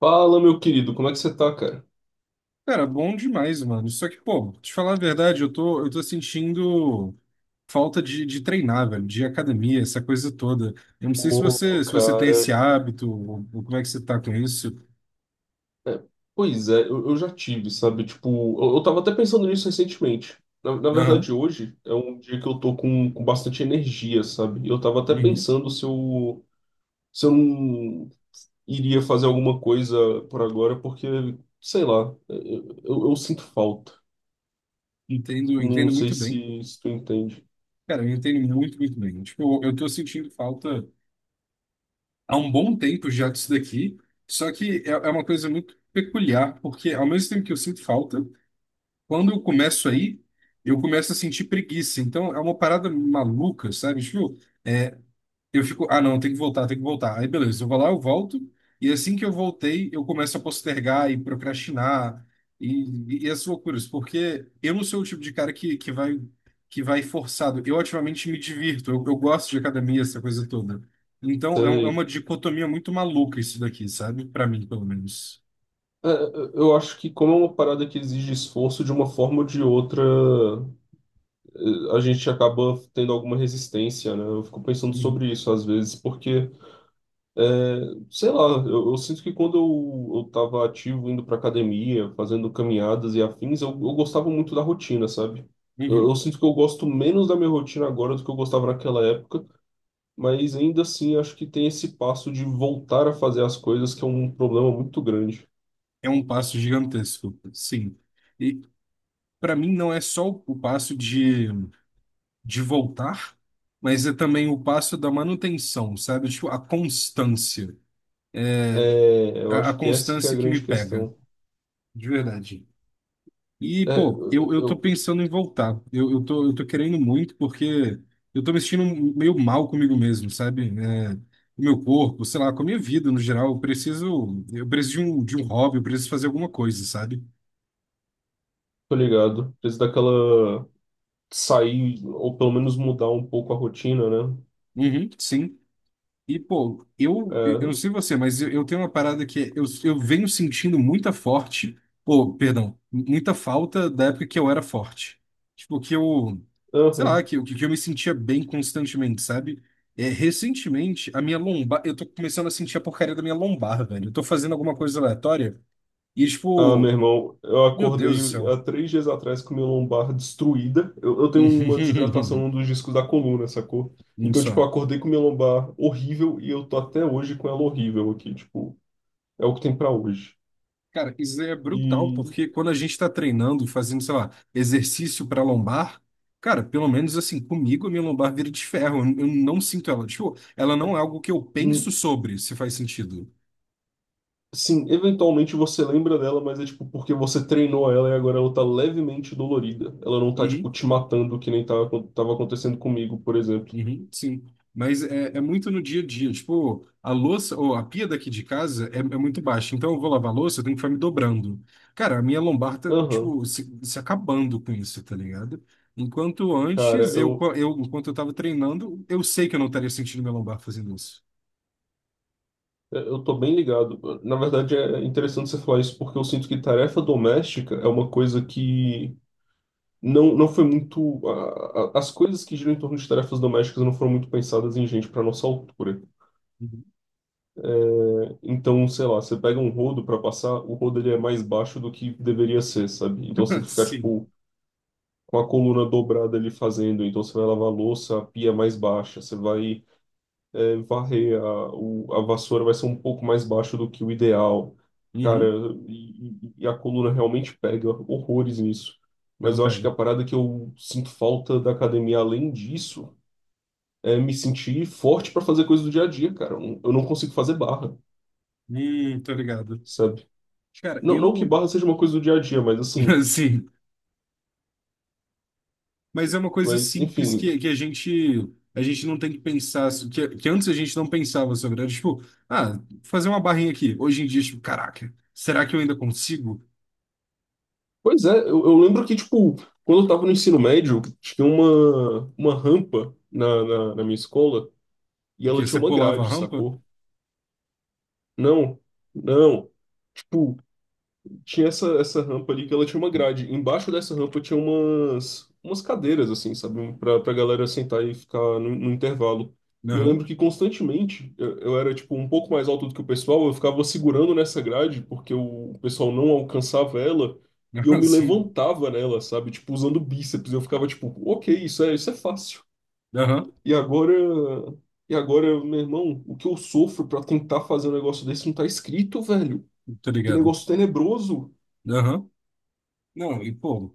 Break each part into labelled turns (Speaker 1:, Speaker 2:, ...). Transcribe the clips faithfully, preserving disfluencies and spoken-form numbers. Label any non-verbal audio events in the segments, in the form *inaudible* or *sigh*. Speaker 1: Fala, meu querido, como é que você tá, cara?
Speaker 2: Cara, bom demais, mano. Só que, pô, te falar a verdade, eu tô, eu tô sentindo falta de, de treinar, velho, de academia, essa coisa toda. Eu não sei se
Speaker 1: Ô,
Speaker 2: você, se você tem
Speaker 1: cara.
Speaker 2: esse hábito, ou, ou como é que você tá com isso.
Speaker 1: é, Pois é, eu, eu já tive, sabe? Tipo, eu, eu tava até pensando nisso recentemente. Na, na
Speaker 2: Aham,
Speaker 1: verdade, hoje é um dia que eu tô com, com bastante energia, sabe? E eu tava até
Speaker 2: uhum.
Speaker 1: pensando se eu, se eu não iria fazer alguma coisa por agora, porque, sei lá, é, eu, eu, eu sinto falta.
Speaker 2: Entendo,
Speaker 1: Não
Speaker 2: entendo
Speaker 1: sei
Speaker 2: muito bem.
Speaker 1: se, se tu entende.
Speaker 2: Cara, eu entendo muito, muito bem. Tipo, eu, eu tô sentindo falta há um bom tempo já disso daqui, só que é, é uma coisa muito peculiar, porque ao mesmo tempo que eu sinto falta, quando eu começo aí, eu começo a sentir preguiça. Então é uma parada maluca, sabe? Tipo, eu fico, ah, não, tem que voltar, tem que voltar. Aí beleza, eu vou lá, eu volto, e assim que eu voltei, eu começo a postergar e procrastinar e, e, e essas loucuras, porque eu não sou o tipo de cara que, que vai que vai forçado. Eu ativamente me divirto, eu, eu gosto de academia, essa coisa toda. Então é, um- é
Speaker 1: Sei.
Speaker 2: uma dicotomia muito maluca isso daqui, sabe? Para mim, pelo menos.
Speaker 1: É, é, eu acho que como é uma parada que exige esforço de uma forma ou de outra. Eh, a gente acaba tendo alguma resistência, né? Eu fico pensando
Speaker 2: Uhum.
Speaker 1: sobre isso às vezes, porque, eh, sei lá, eu, eu sinto que quando eu, eu tava ativo, indo pra academia, fazendo caminhadas e afins, eu, eu gostava muito da rotina, sabe? Eu,
Speaker 2: Uhum.
Speaker 1: eu sinto que eu gosto menos da minha rotina agora do que eu gostava naquela época, mas ainda assim acho que tem esse passo de voltar a fazer as coisas que é um problema muito grande.
Speaker 2: É um passo gigantesco, sim. E, para mim não é só o o passo de, de voltar, mas é também o passo da manutenção, sabe? Tipo, a constância.
Speaker 1: É, eu
Speaker 2: A, a
Speaker 1: acho que essa que é a
Speaker 2: constância que me
Speaker 1: grande
Speaker 2: pega,
Speaker 1: questão.
Speaker 2: de verdade. E,
Speaker 1: É,
Speaker 2: pô,
Speaker 1: eu,
Speaker 2: eu, eu tô
Speaker 1: eu
Speaker 2: pensando em voltar. Eu, eu tô, eu tô querendo muito porque eu tô me sentindo meio mal comigo mesmo, sabe? É, o meu corpo, sei lá, com a minha vida no geral, eu preciso, eu preciso de um, de um hobby, eu preciso fazer alguma coisa, sabe?
Speaker 1: tô ligado. Preciso daquela sair, ou pelo menos mudar um pouco a rotina, né?
Speaker 2: Uhum, sim. E, pô,
Speaker 1: É,
Speaker 2: eu, eu eu não sei você, mas eu, eu tenho uma parada que é, eu, eu venho sentindo muita forte, pô, perdão, muita falta da época que eu era forte. Tipo, que eu, sei
Speaker 1: aham.
Speaker 2: lá, que, eu- que eu me sentia bem constantemente, sabe? É, recentemente, a minha lombar, eu tô começando a sentir a porcaria da minha lombar, velho. Eu tô fazendo alguma coisa aleatória e,
Speaker 1: Ah, meu
Speaker 2: tipo,
Speaker 1: irmão, eu
Speaker 2: meu Deus
Speaker 1: acordei
Speaker 2: do
Speaker 1: há
Speaker 2: céu.
Speaker 1: três dias atrás com minha lombar destruída. Eu, eu tenho uma desidratação
Speaker 2: *laughs*
Speaker 1: num dos discos da coluna, sacou? Então, tipo,
Speaker 2: Só.
Speaker 1: eu acordei com minha lombar horrível e eu tô até hoje com ela horrível aqui. Tipo, é o que tem pra hoje.
Speaker 2: Cara, isso é brutal,
Speaker 1: E,
Speaker 2: porque quando a gente está treinando, fazendo, sei lá, exercício para lombar, cara, pelo menos assim, comigo a minha lombar vira de ferro, eu eu não sinto ela. Tipo, ela não é algo que eu penso
Speaker 1: hum,
Speaker 2: sobre, se faz sentido.
Speaker 1: sim, eventualmente você lembra dela, mas é tipo porque você treinou ela e agora ela tá levemente dolorida. Ela não tá, tipo,
Speaker 2: Uhum.
Speaker 1: te matando que nem tava, tava acontecendo comigo, por exemplo.
Speaker 2: Uhum, sim, mas é, é muito no dia a dia. Tipo, a louça, ou a pia daqui de casa é, é muito baixa, então eu vou lavar a louça, eu tenho que ficar me dobrando. Cara, a minha lombar tá,
Speaker 1: Aham.
Speaker 2: tipo, se, se acabando com isso, tá ligado? Enquanto
Speaker 1: Cara,
Speaker 2: antes, eu,
Speaker 1: eu,
Speaker 2: co- eu, enquanto eu tava treinando, eu sei que eu não estaria sentindo minha lombar fazendo isso.
Speaker 1: eu tô bem ligado. Na verdade, é interessante você falar isso porque eu sinto que tarefa doméstica é uma coisa que não, não foi muito. A- a- as coisas que giram em torno de tarefas domésticas não foram muito pensadas em gente para nossa altura.
Speaker 2: Uhum.
Speaker 1: Então, sei lá, você pega um rodo para passar, o rodo ele é mais baixo do que deveria ser, sabe? Então você tem
Speaker 2: *laughs*
Speaker 1: que ficar,
Speaker 2: Sim.
Speaker 1: tipo, com a coluna dobrada ali fazendo. Então você vai lavar a louça, a pia é mais baixa, você vai. É, varrer a, o- a vassoura vai ser um pouco mais baixo do que o ideal. Cara,
Speaker 2: Uhum.
Speaker 1: e, e- e a coluna realmente pega horrores nisso.
Speaker 2: Ela
Speaker 1: Mas eu acho que
Speaker 2: pega.
Speaker 1: a parada que eu sinto falta da academia, além disso, é me sentir forte para fazer coisas do dia a dia, cara. Eu não eu não consigo fazer barra,
Speaker 2: Hum, tô ligado.
Speaker 1: sabe?
Speaker 2: Cara,
Speaker 1: Não, não que
Speaker 2: eu.
Speaker 1: barra seja uma coisa do dia a dia, mas assim.
Speaker 2: *laughs* Sim. Mas é uma coisa
Speaker 1: Mas,
Speaker 2: simples
Speaker 1: enfim.
Speaker 2: que, que a gente a gente não tem que pensar, assim, que, que antes a gente não pensava sobre. Era tipo, ah, fazer uma barrinha aqui. Hoje em dia, tipo, caraca, será que eu ainda consigo?
Speaker 1: Pois é, eu, eu lembro que, tipo, quando eu tava no ensino médio, tinha uma, uma rampa na, na na minha escola e ela
Speaker 2: Porque
Speaker 1: tinha
Speaker 2: você
Speaker 1: uma
Speaker 2: pulava a
Speaker 1: grade,
Speaker 2: rampa?
Speaker 1: sacou? Não, não. Tipo, tinha essa, essa rampa ali que ela tinha uma grade. Embaixo dessa rampa tinha umas, umas cadeiras, assim, sabe? Pra, pra galera sentar e ficar no, no intervalo. E eu
Speaker 2: Aham,
Speaker 1: lembro que constantemente eu, eu era, tipo, um pouco mais alto do que o pessoal. Eu ficava segurando nessa grade porque o, o pessoal não alcançava ela.
Speaker 2: *laughs*
Speaker 1: E eu
Speaker 2: aham,
Speaker 1: me
Speaker 2: sim,
Speaker 1: levantava nela, sabe? Tipo, usando bíceps. Eu ficava, tipo, ok, isso é, isso é fácil.
Speaker 2: aham,
Speaker 1: E agora. E agora, meu irmão, o que eu sofro pra tentar fazer um negócio desse não tá escrito, velho.
Speaker 2: tô
Speaker 1: Que
Speaker 2: ligado,
Speaker 1: negócio tenebroso.
Speaker 2: aham. Não, e pô,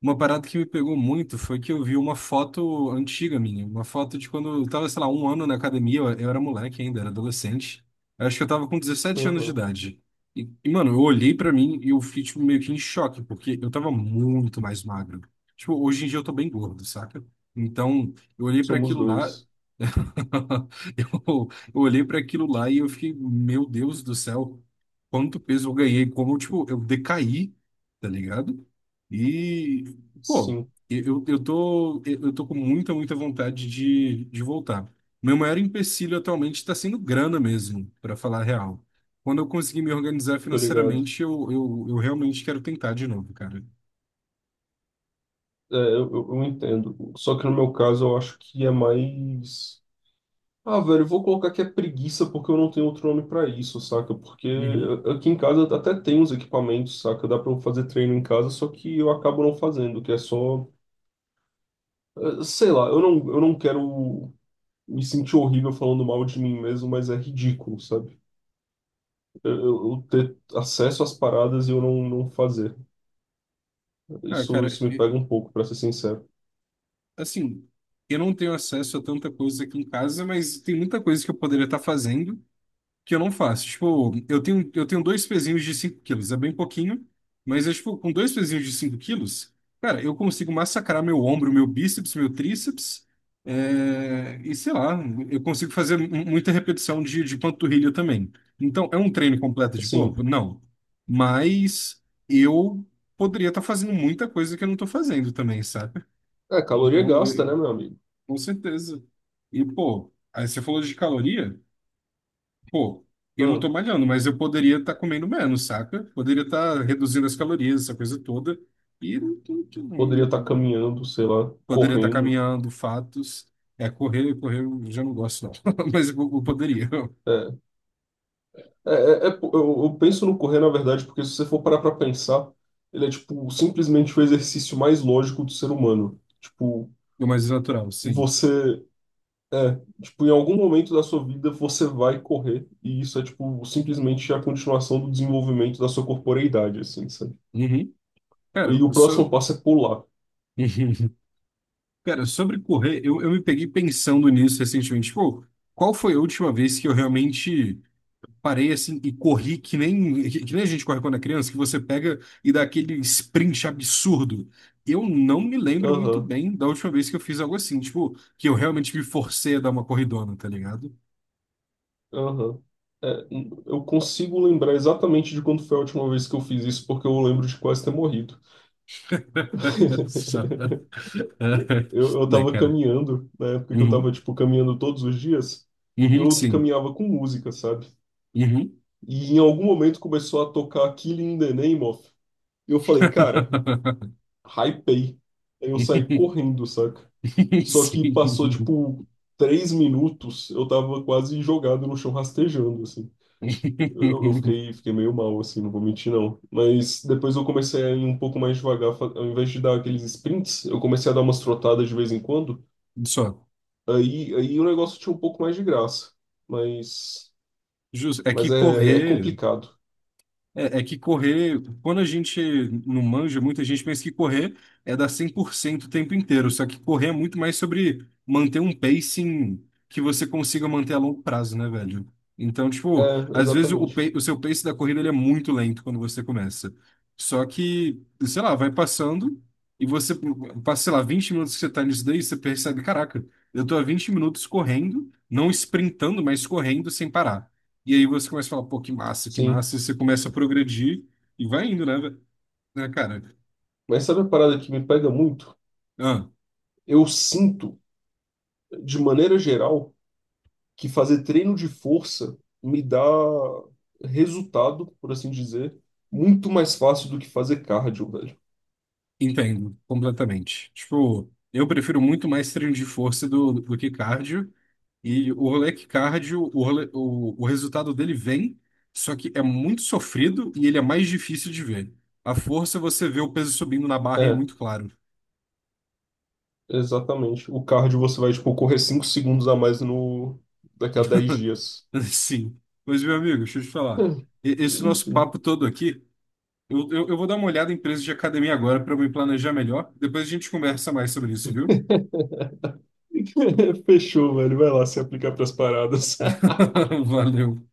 Speaker 2: uma parada que me pegou muito foi que eu vi uma foto antiga minha, uma foto de quando eu tava, sei lá, um ano na academia, eu, eu era moleque ainda, era adolescente. Eu acho que eu tava com dezessete anos de
Speaker 1: Aham.
Speaker 2: idade. E, e, mano, eu olhei pra mim e eu fiquei, tipo, meio que em choque, porque eu tava muito mais magro. Tipo, hoje em dia eu tô bem gordo, saca? Então, eu olhei pra
Speaker 1: Somos
Speaker 2: aquilo lá,
Speaker 1: dois.
Speaker 2: *laughs* Eu, eu olhei para aquilo lá e eu fiquei, meu Deus do céu, quanto peso eu ganhei, como tipo, eu decaí, tá ligado? E, pô,
Speaker 1: Sim,
Speaker 2: eu, eu tô, eu tô com muita, muita vontade de, de voltar. Meu maior empecilho atualmente está sendo grana mesmo, para falar a real. Quando eu conseguir me organizar
Speaker 1: tô ligado.
Speaker 2: financeiramente, eu, eu, eu realmente quero tentar de novo, cara.
Speaker 1: É, eu, eu, eu entendo. Só que no meu caso eu acho que é mais. Ah, velho, eu vou colocar que é preguiça porque eu não tenho outro nome pra isso, saca? Porque
Speaker 2: Uhum.
Speaker 1: aqui em casa até tem os equipamentos, saca? Dá pra eu fazer treino em casa, só que eu acabo não fazendo, que é só. eh, Sei lá, eu não, eu não quero me sentir horrível falando mal de mim mesmo, mas é ridículo, sabe? Eu, eu ter acesso às paradas e eu não, não fazer.
Speaker 2: Ah,
Speaker 1: Isso,
Speaker 2: cara,
Speaker 1: isso me pega um pouco, para ser sincero.
Speaker 2: assim, eu não tenho acesso a tanta coisa aqui em casa, mas tem muita coisa que eu poderia estar fazendo que eu não faço. Tipo, eu tenho, eu tenho dois pezinhos de cinco quilos, é bem pouquinho, mas eu, tipo, com dois pezinhos de cinco quilos, cara, eu consigo massacrar meu ombro, meu bíceps, meu tríceps, é, e sei lá, eu consigo fazer mu- muita repetição de, de panturrilha também. Então, é um treino completo de
Speaker 1: Assim,
Speaker 2: corpo? Não. Mas eu poderia estar fazendo muita coisa que eu não estou fazendo também, sabe?
Speaker 1: é caloria
Speaker 2: Então,
Speaker 1: gasta, né,
Speaker 2: eu,
Speaker 1: meu amigo?
Speaker 2: com certeza. E, pô, aí você falou de caloria? Pô, eu não tô
Speaker 1: Hum,
Speaker 2: malhando, mas eu poderia estar comendo menos, saca? Poderia estar reduzindo as calorias, essa coisa toda. E não, tô- tô-
Speaker 1: poderia estar
Speaker 2: não-
Speaker 1: caminhando, sei lá,
Speaker 2: poderia estar
Speaker 1: correndo.
Speaker 2: caminhando, fatos. É, correr, correr eu já não gosto, não. *laughs* Mas eu, eu poderia.
Speaker 1: É, é, é, é po- eu, eu penso no correr, na verdade, porque se você for parar pra pensar, ele é, tipo, simplesmente o exercício mais lógico do ser humano. Tipo,
Speaker 2: O mais natural, sim.
Speaker 1: você É, tipo, em algum momento da sua vida você vai correr, e isso é, tipo, simplesmente a continuação do desenvolvimento da sua corporeidade, assim, sabe?
Speaker 2: Uhum. Cara,
Speaker 1: E o
Speaker 2: eu
Speaker 1: próximo
Speaker 2: sou...
Speaker 1: passo é pular.
Speaker 2: *laughs* Cara, sobre correr, eu, eu me peguei pensando nisso recentemente. Pô, qual foi a última vez que eu realmente parei assim e corri que nem, que que nem a gente corre quando é criança, que você pega e dá aquele sprint absurdo. Eu não me lembro muito
Speaker 1: Aham,
Speaker 2: bem da última vez que eu fiz algo assim, tipo, que eu realmente me forcei a dar uma corridona, tá ligado?
Speaker 1: aham. É, n- eu consigo lembrar exatamente de quando foi a última vez que eu fiz isso, porque eu lembro de quase ter morrido.
Speaker 2: *laughs*
Speaker 1: *laughs*
Speaker 2: Só-
Speaker 1: Eu,
Speaker 2: *laughs*
Speaker 1: eu
Speaker 2: Né,
Speaker 1: tava
Speaker 2: cara?
Speaker 1: caminhando, na época que eu tava,
Speaker 2: Uhum.
Speaker 1: tipo, caminhando todos os dias, e
Speaker 2: Uhum,
Speaker 1: eu
Speaker 2: sim.
Speaker 1: caminhava com música, sabe?
Speaker 2: Uhum.
Speaker 1: E em algum momento começou a tocar Killing in the Name of. E eu falei, cara,
Speaker 2: *laughs*
Speaker 1: hypei. Aí eu saí correndo, saca? Só que passou,
Speaker 2: Sim.
Speaker 1: tipo, três minutos, eu tava quase jogado no chão rastejando, assim. Eu, eu fiquei, fiquei meio mal, assim, não vou mentir, não. Mas depois eu comecei a ir um pouco mais devagar, fa- ao invés de dar aqueles sprints, eu comecei a dar umas trotadas de vez em quando.
Speaker 2: Só.
Speaker 1: Aí, aí o negócio tinha um pouco mais de graça. Mas,
Speaker 2: Justo. É
Speaker 1: mas
Speaker 2: que
Speaker 1: é, é
Speaker 2: correr.
Speaker 1: complicado.
Speaker 2: É, é que correr, quando a gente não manja, muita gente pensa que correr é dar cem por cento o tempo inteiro, só que correr é muito mais sobre manter um pacing que você consiga manter a longo prazo, né, velho? Então, tipo,
Speaker 1: É,
Speaker 2: às vezes o, pa-
Speaker 1: exatamente.
Speaker 2: o seu pace da corrida ele é muito lento quando você começa. Só que, sei lá, vai passando e você passa, sei lá, vinte minutos que você tá nisso daí, você percebe, caraca, eu tô há vinte minutos correndo, não sprintando, mas correndo sem parar. E aí você começa a falar, pô, que massa, que
Speaker 1: Sim.
Speaker 2: massa, e você começa a progredir e vai indo, né, ve- né, cara?
Speaker 1: Mas sabe a parada que me pega muito?
Speaker 2: Ah,
Speaker 1: Eu sinto, de maneira geral, que fazer treino de força me dá resultado, por assim dizer, muito mais fácil do que fazer cardio, velho.
Speaker 2: entendo, completamente. Tipo, eu prefiro muito mais treino de força do, do que cardio, e o rolê é que cardio, o, rolê- o, o resultado dele vem, só que é muito sofrido e ele é mais difícil de ver. A força você vê o peso subindo na barra e é
Speaker 1: É,
Speaker 2: muito claro.
Speaker 1: exatamente. O cardio você vai, tipo, correr cinco segundos a mais no... daqui a dez
Speaker 2: *laughs*
Speaker 1: dias.
Speaker 2: Sim. Mas, meu amigo, deixa eu te falar.
Speaker 1: É,
Speaker 2: E- Esse nosso
Speaker 1: enfim.
Speaker 2: papo todo aqui, Eu, eu, eu vou dar uma olhada em preço de academia agora para me planejar melhor. Depois a gente conversa mais sobre isso, viu?
Speaker 1: *laughs* Fechou, velho. Vai lá se aplicar pras paradas. *laughs*
Speaker 2: *laughs* Valeu.